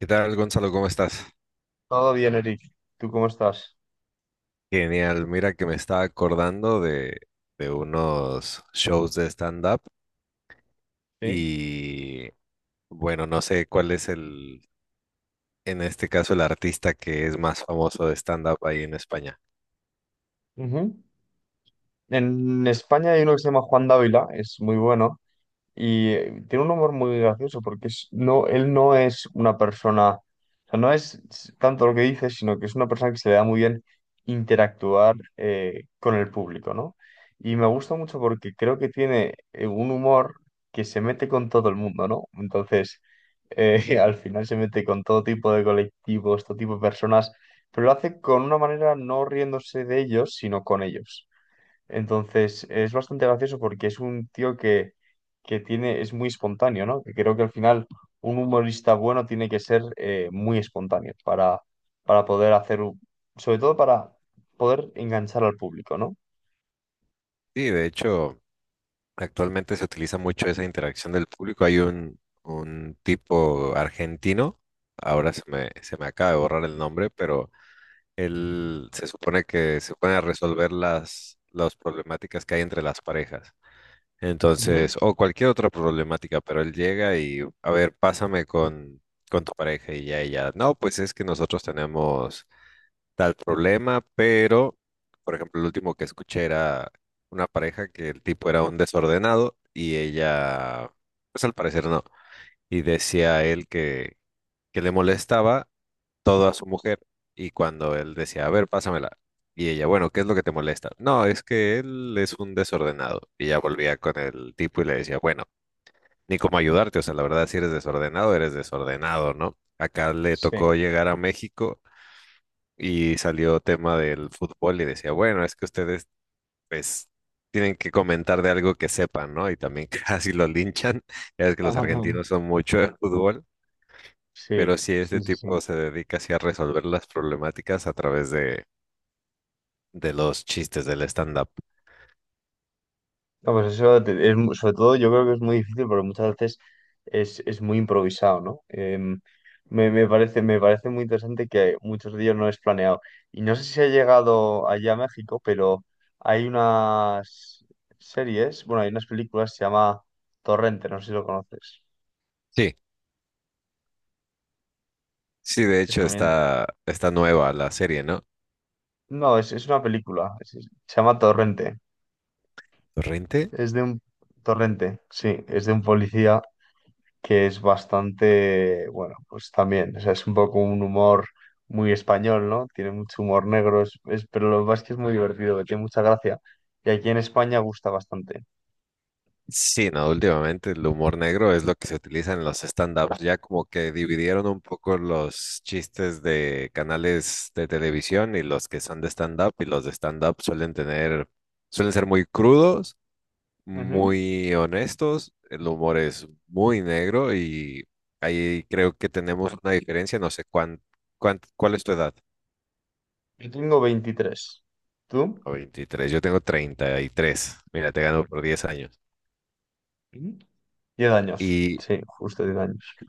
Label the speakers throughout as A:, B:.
A: ¿Qué tal, Gonzalo? ¿Cómo estás?
B: Todo bien, Eric. ¿Tú cómo estás?
A: Genial. Mira que me estaba acordando de unos shows de stand-up
B: Sí.
A: y bueno, no sé cuál es el, en este caso, el artista que es más famoso de stand-up ahí en España.
B: Ujú. En España hay uno que se llama Juan Dávila, es muy bueno. Y tiene un humor muy gracioso porque no, él no es una persona, o sea, no es tanto lo que dice, sino que es una persona que se le da muy bien interactuar con el público, ¿no? Y me gusta mucho porque creo que tiene un humor que se mete con todo el mundo, ¿no? Entonces, eh, al final se mete con todo tipo de colectivos, todo tipo de personas, pero lo hace con una manera no riéndose de ellos, sino con ellos. Entonces, es bastante gracioso porque es un tío que tiene, es muy espontáneo, ¿no? Que creo que al final un humorista bueno tiene que ser muy espontáneo para poder hacer, sobre todo para poder enganchar al público, ¿no?
A: Sí, de hecho, actualmente se utiliza mucho esa interacción del público. Hay un tipo argentino, ahora se me acaba de borrar el nombre, pero él se supone que se pone a resolver las problemáticas que hay entre las parejas.
B: Ujú.
A: Entonces, o cualquier otra problemática, pero él llega y, a ver, pásame con tu pareja y ya, y ya. No, pues es que nosotros tenemos tal problema, pero, por ejemplo, el último que escuché era una pareja que el tipo era un desordenado y ella, pues al parecer no. Y decía él que le molestaba todo a su mujer. Y cuando él decía, a ver, pásamela. Y ella, bueno, ¿qué es lo que te molesta? No, es que él es un desordenado. Y ella volvía con el tipo y le decía, bueno, ni cómo ayudarte. O sea, la verdad, si eres desordenado, eres desordenado, ¿no? Acá le tocó
B: Sí.
A: llegar a México y salió tema del fútbol y decía, bueno, es que ustedes, pues, tienen que comentar de algo que sepan, ¿no? Y también casi lo linchan. Ya ves que los argentinos son mucho de fútbol. Pero
B: Sí,
A: sí,
B: sí,
A: este
B: sí, sí.
A: tipo se dedica así a resolver las problemáticas a través de los chistes del stand-up.
B: No, pues eso sobre todo yo creo que es muy difícil porque muchas veces es muy improvisado, ¿no? Me parece muy interesante que muchos de ellos no es planeado. Y no sé si ha llegado allá a México, pero hay unas series, bueno, hay unas películas, se llama Torrente, no sé si lo conoces,
A: Sí, sí, de
B: que
A: hecho
B: también...
A: está nueva la serie, ¿no?
B: No, es una película, se llama Torrente,
A: ¿Torrente?
B: es de un... Torrente, sí, es de un policía que es bastante, bueno, pues también, o sea, es un poco un humor muy español, ¿no? Tiene mucho humor negro, pero lo más que es muy divertido, que tiene mucha gracia. Y aquí en España gusta bastante.
A: Sí, no, últimamente el humor negro es lo que se utiliza en los stand-ups. Ya como que dividieron un poco los chistes de canales de televisión y los que son de stand-up, y los de stand-up suelen ser muy crudos,
B: Ujú.
A: muy honestos, el humor es muy negro y ahí creo que tenemos una diferencia, no sé cuál es tu edad.
B: Yo tengo 23. ¿Tú?
A: O 23, yo tengo 33, mira, te gano por 10 años.
B: Ujú. 10 años.
A: Y,
B: Sí, justo 10 años.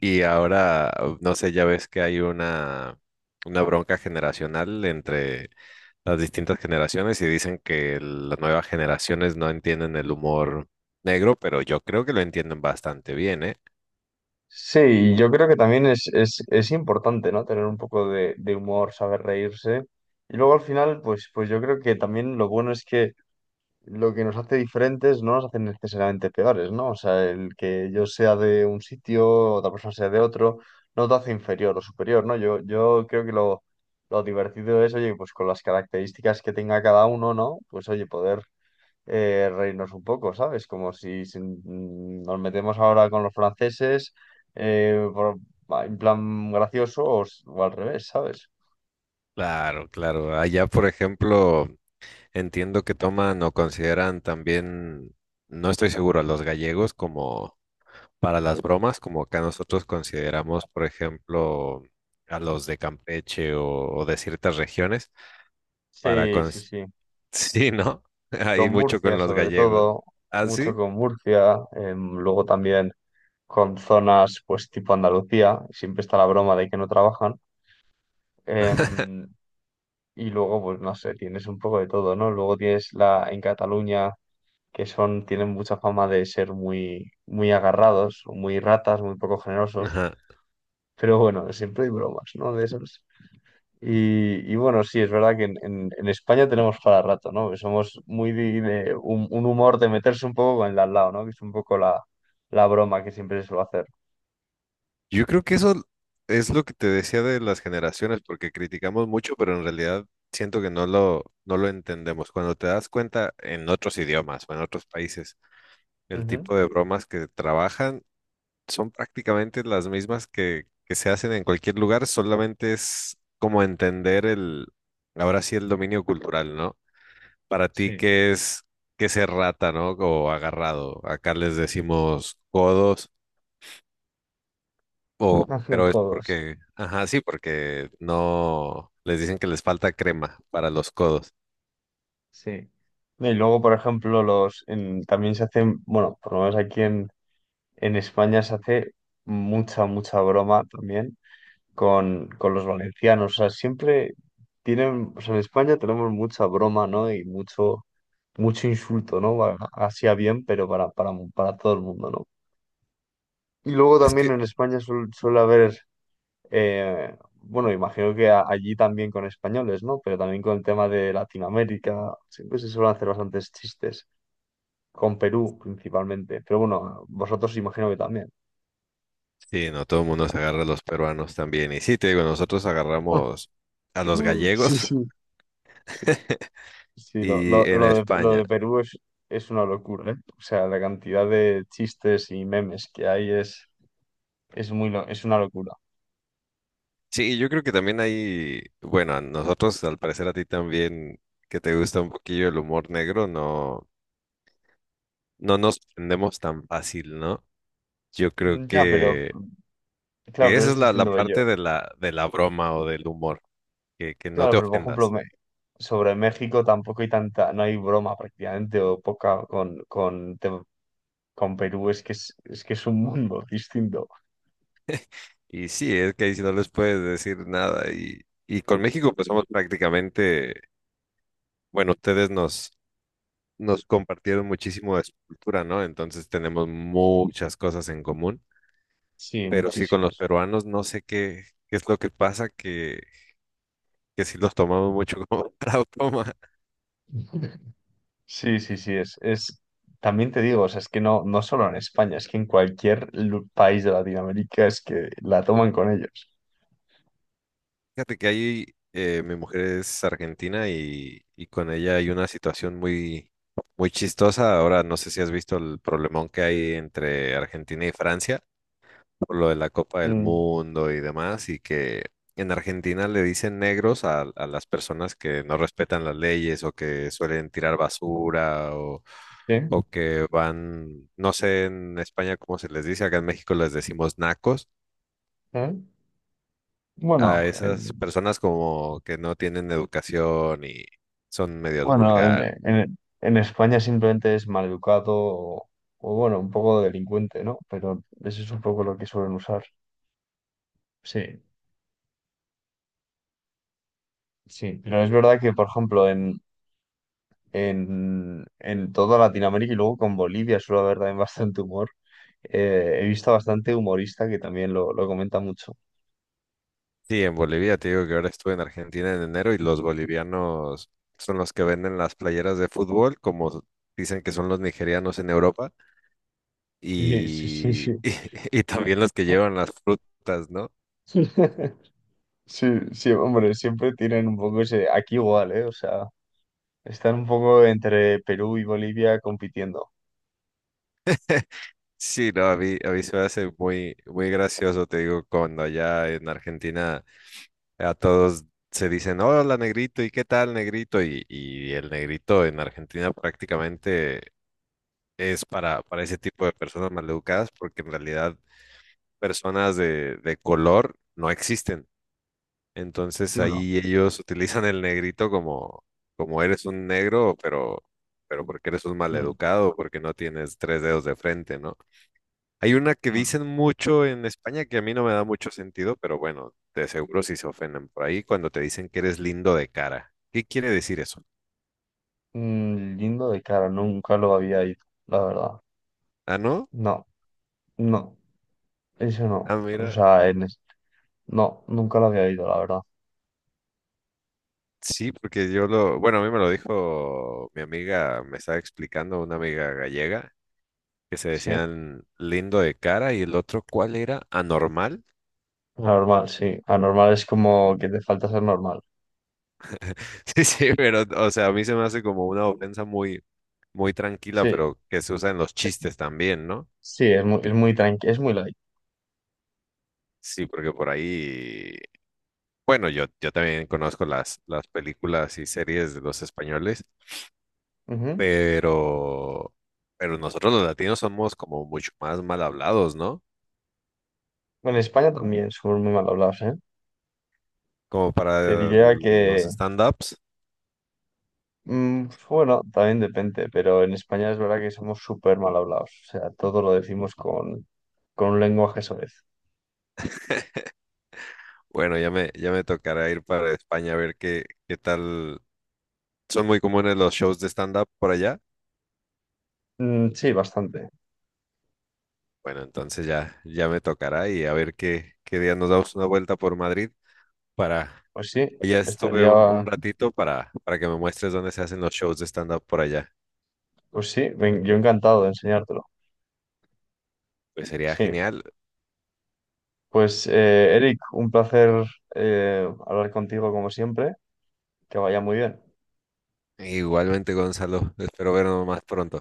A: y ahora, no sé, ya ves que hay una bronca generacional entre las distintas generaciones y dicen que las nuevas generaciones no entienden el humor negro, pero yo creo que lo entienden bastante bien, ¿eh?
B: Sí, yo creo que también es importante, ¿no? Tener un poco de humor, saber reírse. Y luego al final, pues yo creo que también lo bueno es que lo que nos hace diferentes no nos hace necesariamente peores, ¿no? O sea, el que yo sea de un sitio, otra persona sea de otro, no te hace inferior o superior, ¿no? Yo creo que lo divertido es, oye, pues con las características que tenga cada uno, ¿no? Pues oye, poder reírnos un poco, ¿sabes? Como si, nos metemos ahora con los franceses, eh, por- en plan gracioso o, o al revés, ¿sabes?
A: Claro, claro. Allá, por ejemplo, entiendo que toman o consideran también, no estoy seguro, a los gallegos como para las bromas, como acá nosotros consideramos, por ejemplo, a los de Campeche o de ciertas regiones, para...
B: Sí, sí,
A: cons-
B: sí.
A: Sí, ¿no?
B: Con
A: Hay mucho
B: Murcia
A: con los
B: sobre
A: gallegos.
B: todo,
A: ¿Ah,
B: mucho
A: sí?
B: con Murcia, luego también con zonas pues tipo Andalucía, siempre está la broma de que no trabajan, em, y luego pues no sé, tienes un poco de todo, ¿no? Luego tienes la en Cataluña que tienen mucha fama de ser muy, muy agarrados, muy ratas, muy poco generosos,
A: Ajá.
B: pero bueno, siempre hay bromas, ¿no? De eso. Y bueno, sí, es verdad que en España tenemos para rato, ¿no? Que somos muy de un humor de meterse un poco con el de al lado, ¿no? Que es un poco la broma que siempre se suele hacer.
A: Yo creo que eso es lo que te decía de las generaciones, porque criticamos mucho, pero en realidad siento que no lo entendemos. Cuando te das cuenta en otros idiomas o en otros países, el
B: Ujú.
A: tipo de bromas que trabajan son prácticamente las mismas que se hacen en cualquier lugar, solamente es como entender el, ahora sí, el dominio cultural, ¿no? Para ti,
B: Sí,
A: ¿qué es rata? ¿No? O agarrado. Acá les decimos codos, o, pero es
B: Codos.
A: porque, ajá, sí, porque no, les dicen que les falta crema para los codos.
B: Sí. Y luego, por ejemplo, los también se hacen, bueno, por lo menos aquí en España se hace mucha, mucha broma también con los valencianos. O sea, siempre tienen, o sea, en España tenemos mucha broma, ¿no? Y mucho, mucho insulto, ¿no? Hacia bien, pero para todo el mundo, ¿no? Y luego
A: Es
B: también
A: que,
B: en España suele haber, eh, bueno, imagino que allí también con españoles, ¿no? Pero también con el tema de Latinoamérica, siempre se suelen hacer bastantes chistes, con Perú principalmente, pero bueno, vosotros imagino que también.
A: sí, no, todo el mundo se agarra a los peruanos también. Y sí, te digo, nosotros agarramos a los
B: Sí,
A: gallegos.
B: sí. Sí, sí, lo,
A: Y
B: lo,
A: en
B: lo de, lo
A: España.
B: de Perú es una locura, ¿eh? O sea, la cantidad de chistes y memes que hay es una locura.
A: Sí, yo creo que también hay, bueno, a nosotros, al parecer a ti también, que te gusta un poquillo el humor negro, no, no nos prendemos tan fácil, ¿no? Yo creo
B: Ya, pero.
A: que,
B: Claro,
A: que
B: pero
A: esa
B: es
A: es la
B: distinto que yo.
A: parte de la broma o del humor, que no
B: Claro,
A: te
B: pero por ejemplo,
A: ofendas.
B: sobre México tampoco hay tanta, no hay broma prácticamente, o poca con Perú, es que es un mundo distinto.
A: Y sí, es que ahí sí no les puedes decir nada. Y con México, pues somos prácticamente, bueno, ustedes nos compartieron muchísimo de su cultura, ¿no? Entonces tenemos muchas cosas en común.
B: Sí,
A: Pero sí, con los
B: muchísimos.
A: peruanos no sé qué es lo que pasa, que sí los tomamos mucho como para broma.
B: Sí, sí, sí, también te digo, o sea, es que no solo en España, es que en cualquier país de Latinoamérica es que la toman con ellos.
A: Fíjate que ahí mi mujer es argentina y con ella hay una situación muy chistosa. Ahora no sé si has visto el problemón que hay entre Argentina y Francia, por lo de la Copa del
B: Mm,
A: Mundo y demás, y que en Argentina le dicen negros a las personas que no respetan las leyes o que suelen tirar basura o,
B: sí.
A: o que van, no sé en España cómo se les dice, acá en México les decimos nacos,
B: ¿eh?
A: a
B: Bueno.
A: esas personas como que no tienen educación y son medios
B: Bueno, en,
A: vulgares.
B: en- en España simplemente es maleducado o, bueno, un poco delincuente, ¿no? Pero eso es un poco lo que suelen usar. Sí, sí. Pero es verdad que, por ejemplo, en toda Latinoamérica y luego con Bolivia suele haber también bastante humor. He visto bastante humorista que también lo comenta mucho.
A: Sí, en Bolivia, te digo que ahora estuve en Argentina en enero y los bolivianos son los que venden las playeras de fútbol, como dicen que son los nigerianos en Europa.
B: Sí, sí, sí, sí.
A: Y, y también los que llevan las frutas, ¿no?
B: Sí, sí, hombre, siempre tienen un poco ese, aquí igual, ¿eh? O sea, están un poco entre Perú y Bolivia compitiendo.
A: Sí, no, a mí se me hace muy gracioso, te digo, cuando allá en Argentina a todos se dicen, hola negrito, ¿y qué tal negrito? Y el negrito en Argentina prácticamente es para ese tipo de personas maleducadas, porque en realidad personas de color no existen. Entonces
B: Sí, ¿no?
A: ahí ellos utilizan el negrito como, eres un negro, pero porque eres un
B: Mm,
A: maleducado, porque no tienes tres dedos de frente, ¿no? Hay una que
B: claro.
A: dicen mucho en España que a mí no me da mucho sentido, pero bueno, de seguro si se ofenden por ahí cuando te dicen que eres lindo de cara. ¿Qué quiere decir eso?
B: Lindo de cara, nunca lo había ido, la verdad.
A: Ah, ¿no?
B: No, no, eso no.
A: Ah,
B: O
A: mira,
B: sea, no, nunca lo había ido, la verdad.
A: sí, porque yo lo, bueno, a mí me lo dijo mi amiga, me estaba explicando una amiga gallega, que se
B: Sí,
A: decían lindo de cara y el otro, ¿cuál era? Anormal.
B: sí. Anormal es como que te falta ser normal.
A: Sí, sí, pero, o sea, a mí se me hace como una ofensa muy, muy tranquila,
B: Sí,
A: pero que se usa en los chistes también, ¿no?
B: sí, es muy, tranqui, es muy light.
A: Sí, porque por ahí, bueno, yo también conozco las películas y series de los españoles,
B: Ujú.
A: pero, pero nosotros los latinos somos como mucho más mal hablados, ¿no?
B: Bueno, en España también somos muy mal hablados, ¿eh?
A: Como
B: Te
A: para
B: diría
A: los
B: que,
A: stand-ups.
B: bueno, también depende, pero en España es verdad que somos súper mal hablados. O sea, todo lo decimos con un lenguaje soez.
A: Bueno, ya me tocará ir para España a ver qué tal. Son muy comunes los shows de stand-up por allá.
B: Mm, sí, bastante.
A: Bueno, entonces ya me tocará y a ver qué día nos damos una vuelta por Madrid para...
B: Pues sí,
A: pues, ya estuve un,
B: estaría,
A: un ratito para que me muestres dónde se hacen los shows de stand-up por allá.
B: pues sí, ven- yo encantado de enseñártelo.
A: Pues sería
B: Sí,
A: genial.
B: pues Eric, un placer hablar contigo como siempre, que vaya muy bien.
A: Igualmente, Gonzalo, espero vernos más pronto.